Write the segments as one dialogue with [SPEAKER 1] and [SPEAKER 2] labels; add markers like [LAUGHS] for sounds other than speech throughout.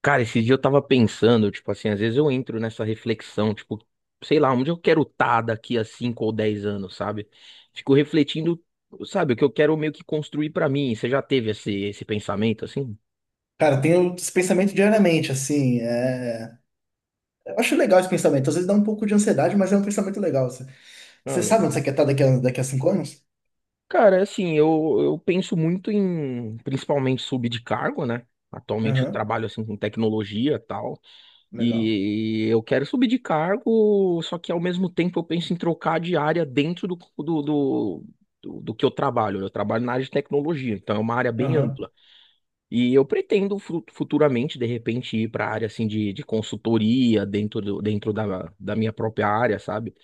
[SPEAKER 1] Cara, esses dias eu tava pensando, tipo assim, às vezes eu entro nessa reflexão, tipo, sei lá, onde eu quero estar daqui a 5 ou 10 anos, sabe? Fico refletindo, sabe, o que eu quero meio que construir pra mim. Você já teve esse pensamento, assim?
[SPEAKER 2] Cara, eu tenho esse pensamento diariamente, assim. Eu acho legal esse pensamento. Às vezes dá um pouco de ansiedade, mas é um pensamento legal. Você
[SPEAKER 1] Ah,
[SPEAKER 2] você sabe onde
[SPEAKER 1] legal.
[SPEAKER 2] você quer estar daqui a cinco anos?
[SPEAKER 1] Cara, assim, eu penso muito em, principalmente, subir de cargo, né? Atualmente eu
[SPEAKER 2] Aham,
[SPEAKER 1] trabalho, assim, com tecnologia e tal.
[SPEAKER 2] legal.
[SPEAKER 1] E eu quero subir de cargo, só que ao mesmo tempo eu penso em trocar de área dentro do que eu trabalho. Eu trabalho na área de tecnologia, então é uma área bem
[SPEAKER 2] Aham,
[SPEAKER 1] ampla. E eu pretendo futuramente, de repente, ir para a área assim, de consultoria dentro da minha própria área, sabe?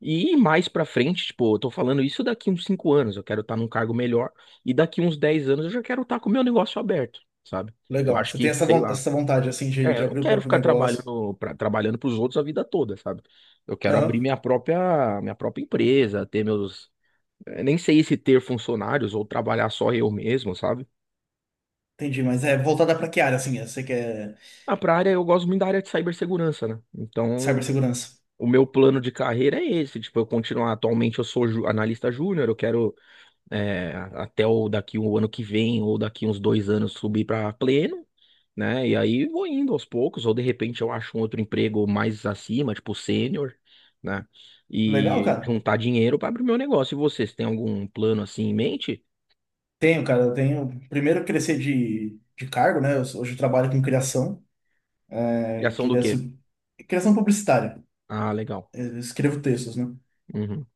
[SPEAKER 1] E mais para frente, tipo, eu tô falando isso daqui uns 5 anos, eu quero estar num cargo melhor, e daqui uns 10 anos eu já quero estar com o meu negócio aberto, sabe? Eu
[SPEAKER 2] legal.
[SPEAKER 1] acho
[SPEAKER 2] Você
[SPEAKER 1] que,
[SPEAKER 2] tem essa,
[SPEAKER 1] sei
[SPEAKER 2] von-
[SPEAKER 1] lá.
[SPEAKER 2] essa vontade, assim, de,
[SPEAKER 1] É,
[SPEAKER 2] de
[SPEAKER 1] eu não
[SPEAKER 2] abrir o
[SPEAKER 1] quero
[SPEAKER 2] próprio
[SPEAKER 1] ficar
[SPEAKER 2] negócio.
[SPEAKER 1] trabalhando para os outros a vida toda, sabe? Eu quero
[SPEAKER 2] Aham,
[SPEAKER 1] abrir minha própria empresa, ter meus nem sei se ter funcionários ou trabalhar só eu mesmo, sabe?
[SPEAKER 2] entendi. Mas é voltada pra que área, assim? Você quer
[SPEAKER 1] Ah, pra área eu gosto muito da área de cibersegurança, né? Então,
[SPEAKER 2] cibersegurança?
[SPEAKER 1] o meu plano de carreira é esse, tipo, eu continuar atualmente eu sou analista júnior, eu quero até o daqui o ano que vem ou daqui uns 2 anos subir para pleno, né? E aí vou indo aos poucos, ou de repente eu acho um outro emprego mais acima, tipo sênior, né?
[SPEAKER 2] Legal,
[SPEAKER 1] E
[SPEAKER 2] cara.
[SPEAKER 1] juntar dinheiro para abrir meu negócio. E vocês têm algum plano assim em mente?
[SPEAKER 2] Tenho, cara. Eu tenho. Primeiro, eu crescer de cargo, né? Hoje eu trabalho com criação.
[SPEAKER 1] Criação do
[SPEAKER 2] Queria
[SPEAKER 1] quê?
[SPEAKER 2] Criação publicitária.
[SPEAKER 1] Ah, legal.
[SPEAKER 2] Eu escrevo textos, né?
[SPEAKER 1] Uhum.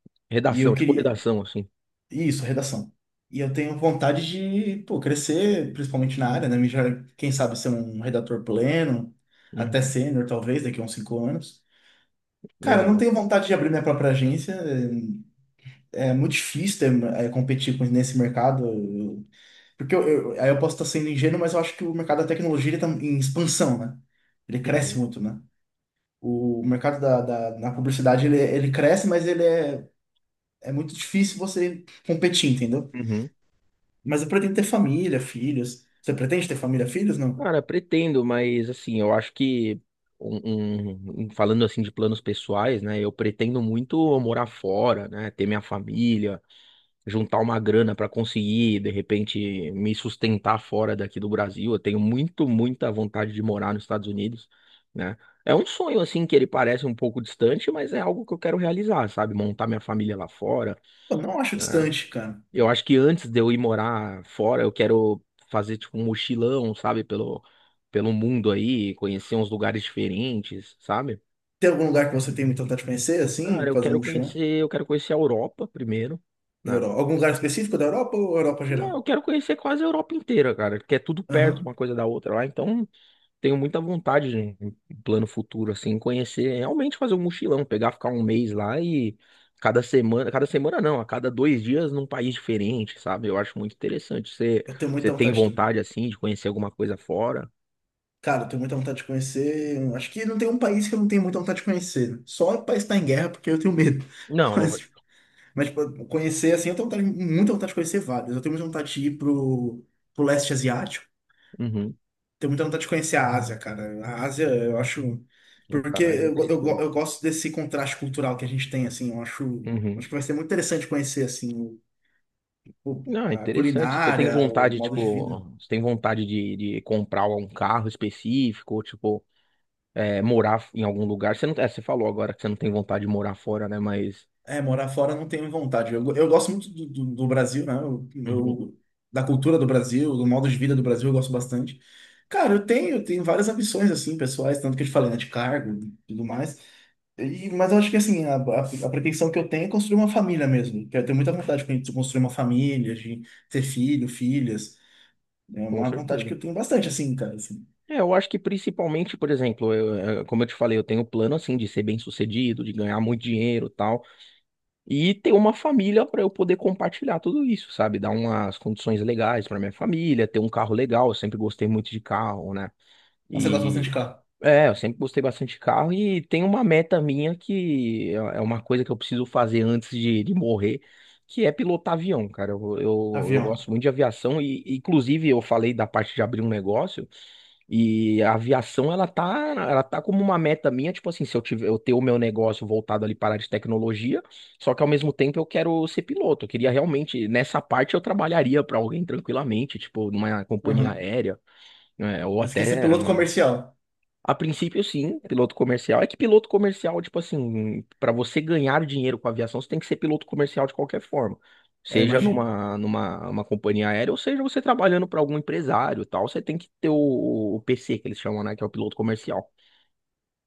[SPEAKER 2] E eu
[SPEAKER 1] Redação, tipo
[SPEAKER 2] queria.
[SPEAKER 1] redação, assim.
[SPEAKER 2] Isso, redação. E eu tenho vontade de, pô, crescer, principalmente na área, né? Quem sabe ser um redator pleno, até
[SPEAKER 1] Uhum.
[SPEAKER 2] sênior, talvez, daqui a uns 5 anos. Cara, eu não
[SPEAKER 1] Legal.
[SPEAKER 2] tenho vontade de abrir minha própria agência. É muito difícil competir nesse mercado. Porque aí eu posso estar sendo ingênuo, mas eu acho que o mercado da tecnologia está em expansão, né? Ele cresce
[SPEAKER 1] Uhum.
[SPEAKER 2] muito, né? O mercado da, na publicidade, ele cresce, mas ele é muito difícil você competir, entendeu?
[SPEAKER 1] Uhum.
[SPEAKER 2] Mas eu pretendo ter família, filhos. Você pretende ter família, filhos? Não.
[SPEAKER 1] Cara, pretendo, mas assim, eu acho que falando assim de planos pessoais, né? Eu pretendo muito morar fora, né? Ter minha família, juntar uma grana para conseguir, de repente, me sustentar fora daqui do Brasil. Eu tenho muito, muita vontade de morar nos Estados Unidos, né? É um sonho, assim, que ele parece um pouco distante, mas é algo que eu quero realizar, sabe? Montar minha família lá fora,
[SPEAKER 2] Pô, não acho
[SPEAKER 1] né?
[SPEAKER 2] distante, cara.
[SPEAKER 1] Eu acho que antes de eu ir morar fora, eu quero fazer, tipo, um mochilão, sabe? Pelo, pelo mundo aí, conhecer uns lugares diferentes, sabe?
[SPEAKER 2] Tem algum lugar que você tem muita vontade de conhecer,
[SPEAKER 1] Cara,
[SPEAKER 2] assim, fazer um mochilão?
[SPEAKER 1] eu quero conhecer a Europa primeiro,
[SPEAKER 2] Em
[SPEAKER 1] né?
[SPEAKER 2] Europa. Algum lugar específico da Europa ou Europa geral?
[SPEAKER 1] Não, eu quero conhecer quase a Europa inteira, cara, que é tudo perto
[SPEAKER 2] Aham.
[SPEAKER 1] uma coisa da outra lá, então tenho muita vontade de um plano futuro assim, conhecer, realmente fazer um mochilão, pegar, ficar um mês lá e cada semana não, a cada 2 dias num país diferente, sabe? Eu acho muito interessante. Você,
[SPEAKER 2] Eu tenho
[SPEAKER 1] você
[SPEAKER 2] muita
[SPEAKER 1] tem
[SPEAKER 2] vontade também.
[SPEAKER 1] vontade assim de conhecer alguma coisa fora?
[SPEAKER 2] Cara, eu tenho muita vontade de conhecer. Acho que não tem um país que eu não tenho muita vontade de conhecer. Só o país que tá em guerra, porque eu tenho medo.
[SPEAKER 1] Não,
[SPEAKER 2] [LAUGHS] Mas,
[SPEAKER 1] lógico.
[SPEAKER 2] mas tipo, conhecer, assim, eu tenho muita vontade de conhecer vários. Eu tenho muita vontade de ir pro leste asiático.
[SPEAKER 1] Uhum.
[SPEAKER 2] Tenho muita vontade de conhecer a Ásia, cara. A Ásia, eu acho. Porque
[SPEAKER 1] Vontade,
[SPEAKER 2] eu, go- eu, go-
[SPEAKER 1] interessante.
[SPEAKER 2] eu gosto desse contraste cultural que a gente tem, assim. Eu acho,
[SPEAKER 1] Uhum.
[SPEAKER 2] acho que vai ser muito interessante conhecer, assim, o,
[SPEAKER 1] Não, é
[SPEAKER 2] a
[SPEAKER 1] interessante. Você tem
[SPEAKER 2] culinária, o
[SPEAKER 1] vontade,
[SPEAKER 2] modo de vida.
[SPEAKER 1] tipo, você tem vontade de comprar um carro específico, tipo é, morar em algum lugar. Você não, é, você falou agora que você não tem vontade de morar fora, né? Mas,
[SPEAKER 2] É, morar fora eu não tenho vontade. Eu gosto muito do, do Brasil, né?
[SPEAKER 1] Uhum,
[SPEAKER 2] Da cultura do Brasil, do modo de vida do Brasil, eu gosto bastante. Cara, eu tenho várias ambições, assim, pessoais, tanto que eu te falei, né, de cargo e tudo mais. Mas eu acho que assim, a pretensão que eu tenho é construir uma família mesmo. Que eu tenho muita vontade de construir uma família, de ter filho, filhas. É
[SPEAKER 1] com
[SPEAKER 2] uma vontade
[SPEAKER 1] certeza.
[SPEAKER 2] que eu tenho bastante, assim, cara. Assim.
[SPEAKER 1] É, eu acho que principalmente, por exemplo, como eu te falei, eu tenho o plano assim de ser bem-sucedido, de ganhar muito dinheiro, e tal, e ter uma família para eu poder compartilhar tudo isso, sabe? Dar umas condições legais para minha família, ter um carro legal. Eu sempre gostei muito de carro, né?
[SPEAKER 2] Nossa, eu gosto bastante
[SPEAKER 1] E
[SPEAKER 2] de carro.
[SPEAKER 1] é, eu sempre gostei bastante de carro e tem uma meta minha que é uma coisa que eu preciso fazer antes de morrer, que é pilotar avião, cara. Eu
[SPEAKER 2] Avião.
[SPEAKER 1] gosto muito de aviação e, inclusive, eu falei da parte de abrir um negócio e a aviação, ela tá como uma meta minha, tipo assim, se eu tiver, eu ter o meu negócio voltado ali para a área de tecnologia, só que ao mesmo tempo eu quero ser piloto. Eu queria realmente, nessa parte eu trabalharia para alguém tranquilamente, tipo, numa companhia
[SPEAKER 2] Aham.
[SPEAKER 1] aérea, né, ou
[SPEAKER 2] Você
[SPEAKER 1] até
[SPEAKER 2] quer ser piloto comercial?
[SPEAKER 1] a princípio, sim, piloto comercial. É que piloto comercial, tipo assim, para você ganhar dinheiro com a aviação, você tem que ser piloto comercial de qualquer forma.
[SPEAKER 2] É,
[SPEAKER 1] Seja
[SPEAKER 2] imagino.
[SPEAKER 1] numa, numa uma companhia aérea, ou seja você trabalhando para algum empresário e tal, você tem que ter o PC, que eles chamam, né, que é o piloto comercial.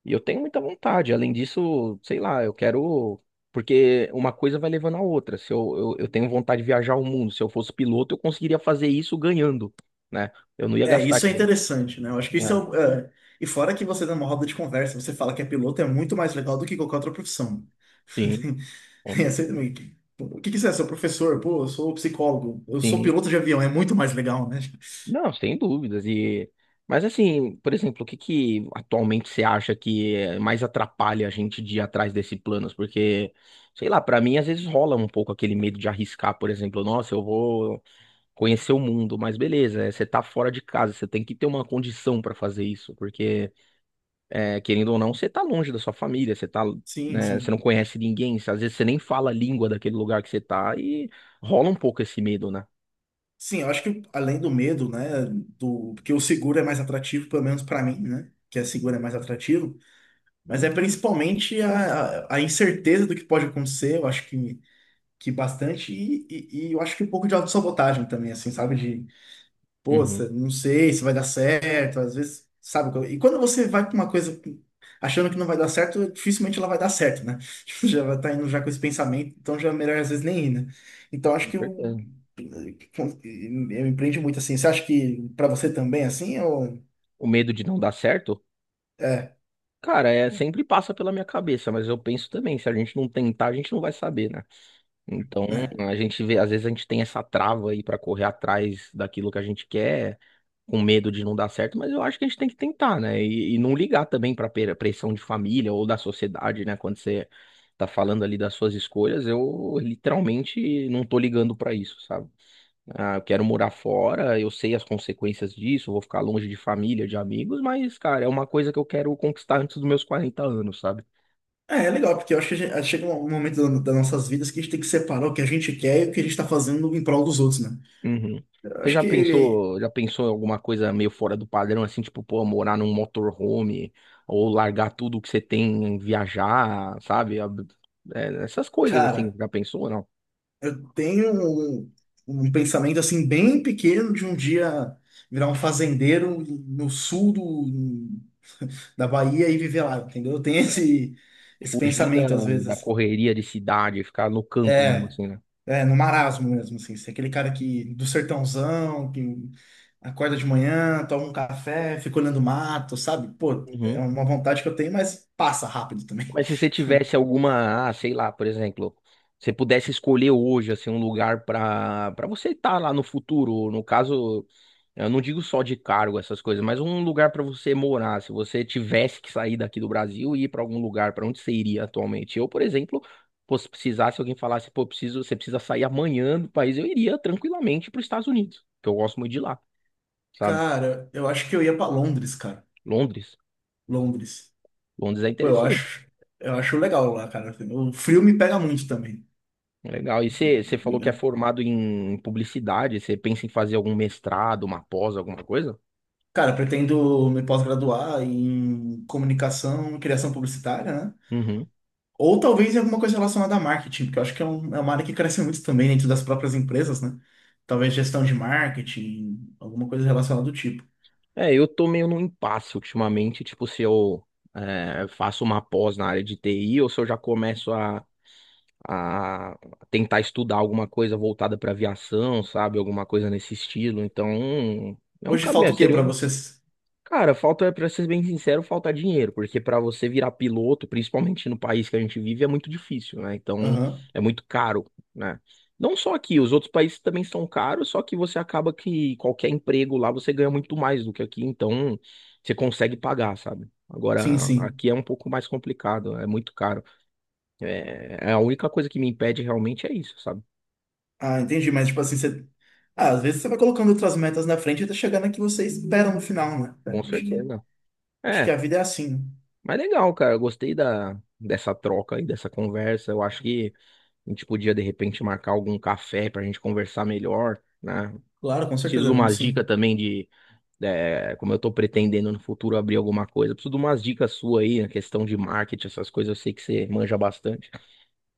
[SPEAKER 1] E eu tenho muita vontade. Além disso, sei lá, eu quero. Porque uma coisa vai levando a outra. Se eu tenho vontade de viajar o mundo, se eu fosse piloto, eu conseguiria fazer isso ganhando, né? Eu não ia
[SPEAKER 2] É,
[SPEAKER 1] gastar
[SPEAKER 2] isso é
[SPEAKER 1] dinheiro.
[SPEAKER 2] interessante, né? Eu acho que isso é,
[SPEAKER 1] É.
[SPEAKER 2] o- é. E fora que você dá uma roda de conversa, você fala que é piloto, é muito mais legal do que qualquer outra profissão.
[SPEAKER 1] Sim,
[SPEAKER 2] [LAUGHS]
[SPEAKER 1] com
[SPEAKER 2] Tem essa
[SPEAKER 1] certeza.
[SPEAKER 2] também. O que que você é? Seu professor? Pô, eu sou psicólogo. Eu sou
[SPEAKER 1] Sim.
[SPEAKER 2] piloto de avião. É muito mais legal, né? [LAUGHS]
[SPEAKER 1] Não, sem dúvidas. E mas assim, por exemplo, o que que atualmente você acha que mais atrapalha a gente de ir atrás desses planos? Porque, sei lá, pra mim às vezes rola um pouco aquele medo de arriscar, por exemplo, nossa, eu vou conhecer o mundo, mas beleza, você tá fora de casa, você tem que ter uma condição pra fazer isso, porque querendo ou não, você tá longe da sua família, você tá,
[SPEAKER 2] Sim,
[SPEAKER 1] né, você
[SPEAKER 2] sim.
[SPEAKER 1] não conhece ninguém, às vezes você nem fala a língua daquele lugar que você tá e rola um pouco esse medo, né?
[SPEAKER 2] Sim, eu acho que além do medo, né, do porque o seguro é mais atrativo, pelo menos para mim, né, que é seguro é mais atrativo, mas é principalmente a incerteza do que pode acontecer, eu acho que, bastante, e eu acho que um pouco de autossabotagem também, assim, sabe, de
[SPEAKER 1] Uhum,
[SPEAKER 2] poxa, não sei se vai dar certo, às vezes, sabe? E quando você vai para uma coisa achando que não vai dar certo, dificilmente ela vai dar certo, né? [LAUGHS] Tipo, já vai estar indo já com esse pensamento, então já é melhor às vezes nem ir, né? Então acho
[SPEAKER 1] com
[SPEAKER 2] que eu,
[SPEAKER 1] certeza.
[SPEAKER 2] eu empreendo muito assim. Você acha que para você também é assim ou
[SPEAKER 1] O medo de não dar certo?
[SPEAKER 2] é,
[SPEAKER 1] Cara, é, sempre passa pela minha cabeça, mas eu penso também, se a gente não tentar, a gente não vai saber, né? Então,
[SPEAKER 2] é.
[SPEAKER 1] a gente vê, às vezes a gente tem essa trava aí pra correr atrás daquilo que a gente quer, com medo de não dar certo, mas eu acho que a gente tem que tentar, né? E não ligar também pra pressão de família ou da sociedade, né? Quando você tá falando ali das suas escolhas, eu literalmente não tô ligando pra isso, sabe? Ah, eu quero morar fora, eu sei as consequências disso, eu vou ficar longe de família, de amigos, mas, cara, é uma coisa que eu quero conquistar antes dos meus 40 anos, sabe?
[SPEAKER 2] É legal, porque eu acho que chega um momento das nossas vidas que a gente tem que separar o que a gente quer e o que a gente está fazendo em prol dos outros, né?
[SPEAKER 1] Uhum.
[SPEAKER 2] Eu
[SPEAKER 1] Você
[SPEAKER 2] acho que,
[SPEAKER 1] já pensou em alguma coisa meio fora do padrão, assim, tipo, pô, morar num motorhome, ou largar tudo que você tem, viajar, sabe? É, essas coisas, assim,
[SPEAKER 2] cara,
[SPEAKER 1] já pensou, ou não?
[SPEAKER 2] eu tenho um, um pensamento assim bem pequeno de um dia virar um fazendeiro no sul da Bahia e viver lá, entendeu? Eu tenho [LAUGHS] esse
[SPEAKER 1] Fugir da,
[SPEAKER 2] pensamento às
[SPEAKER 1] da
[SPEAKER 2] vezes.
[SPEAKER 1] correria de cidade, ficar no campo mesmo,
[SPEAKER 2] É,
[SPEAKER 1] assim, né?
[SPEAKER 2] é, no marasmo mesmo, assim, ser aquele cara que do sertãozão, que acorda de manhã, toma um café, fica olhando o mato, sabe? Pô, é
[SPEAKER 1] Uhum.
[SPEAKER 2] uma vontade que eu tenho, mas passa rápido também.
[SPEAKER 1] Mas se você tivesse alguma, ah, sei lá, por exemplo, você pudesse escolher hoje assim um lugar para você estar lá no futuro, no caso, eu não digo só de cargo essas coisas, mas um lugar para você morar, se você tivesse que sair daqui do Brasil e ir para algum lugar, para onde você iria atualmente? Eu, por exemplo, pô, se precisasse alguém falasse, pô, preciso, você precisa sair amanhã do país, eu iria tranquilamente para os Estados Unidos, que eu gosto muito de lá,
[SPEAKER 2] [LAUGHS]
[SPEAKER 1] sabe?
[SPEAKER 2] Cara, eu acho que eu ia pra Londres, cara.
[SPEAKER 1] Londres,
[SPEAKER 2] Londres.
[SPEAKER 1] Londres é
[SPEAKER 2] Pô, eu
[SPEAKER 1] interessante.
[SPEAKER 2] acho, eu acho legal lá, cara. Assim, o frio me pega muito também.
[SPEAKER 1] Legal. E você, você
[SPEAKER 2] Assim,
[SPEAKER 1] falou que é
[SPEAKER 2] né.
[SPEAKER 1] formado em publicidade, você pensa em fazer algum mestrado, uma pós, alguma coisa?
[SPEAKER 2] Cara, pretendo me pós-graduar em comunicação, criação publicitária, né?
[SPEAKER 1] Uhum.
[SPEAKER 2] Ou talvez em alguma coisa relacionada a marketing, porque eu acho que é uma área que cresce muito também dentro das próprias empresas, né? Talvez gestão de marketing, alguma coisa relacionada do tipo.
[SPEAKER 1] É, eu tô meio num impasse ultimamente, tipo, se eu faço uma pós na área de TI ou se eu já começo a, tentar estudar alguma coisa voltada para aviação, sabe? Alguma coisa nesse estilo. Então, é um
[SPEAKER 2] Hoje falta
[SPEAKER 1] caminho,
[SPEAKER 2] o quê
[SPEAKER 1] seria
[SPEAKER 2] para
[SPEAKER 1] um
[SPEAKER 2] vocês?
[SPEAKER 1] Cara, falta, pra ser bem sincero, falta dinheiro, porque pra você virar piloto, principalmente no país que a gente vive, é muito difícil, né? Então,
[SPEAKER 2] Aham.
[SPEAKER 1] é muito caro, né? Não só aqui, os outros países também são caros, só que você acaba que qualquer emprego lá você ganha muito mais do que aqui, então você consegue pagar, sabe?
[SPEAKER 2] Sim,
[SPEAKER 1] Agora,
[SPEAKER 2] sim.
[SPEAKER 1] aqui é um pouco mais complicado, é muito caro. É, é a única coisa que me impede realmente é isso, sabe?
[SPEAKER 2] Ah, entendi, mas tipo assim, você. Ah, às vezes você vai colocando outras metas na frente até chegar na que você espera no final, né? É,
[SPEAKER 1] Com
[SPEAKER 2] Acho que,
[SPEAKER 1] certeza.
[SPEAKER 2] acho
[SPEAKER 1] É,
[SPEAKER 2] que a vida é assim, né?
[SPEAKER 1] mas legal, cara, eu gostei da, dessa troca aí, dessa conversa, eu acho que. A gente podia, de repente, marcar algum café pra gente conversar melhor, né?
[SPEAKER 2] Claro, com
[SPEAKER 1] Preciso de
[SPEAKER 2] certeza, vamos
[SPEAKER 1] umas dicas
[SPEAKER 2] sim.
[SPEAKER 1] também de, é, como eu tô pretendendo no futuro abrir alguma coisa. Preciso de umas dicas suas aí, na questão de marketing, essas coisas, eu sei que você manja bastante.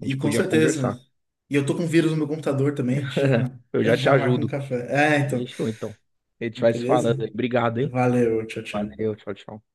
[SPEAKER 1] A gente
[SPEAKER 2] E com
[SPEAKER 1] podia
[SPEAKER 2] certeza.
[SPEAKER 1] conversar.
[SPEAKER 2] E eu tô com vírus no meu computador também, a gente já,
[SPEAKER 1] [LAUGHS]
[SPEAKER 2] [LAUGHS]
[SPEAKER 1] Eu
[SPEAKER 2] a
[SPEAKER 1] já
[SPEAKER 2] gente
[SPEAKER 1] te
[SPEAKER 2] já marca um
[SPEAKER 1] ajudo.
[SPEAKER 2] café. É, então.
[SPEAKER 1] Fechou, então. A gente vai se
[SPEAKER 2] Beleza?
[SPEAKER 1] falando aí. Obrigado, hein?
[SPEAKER 2] Valeu, tchau, tchau.
[SPEAKER 1] Valeu, tchau, tchau.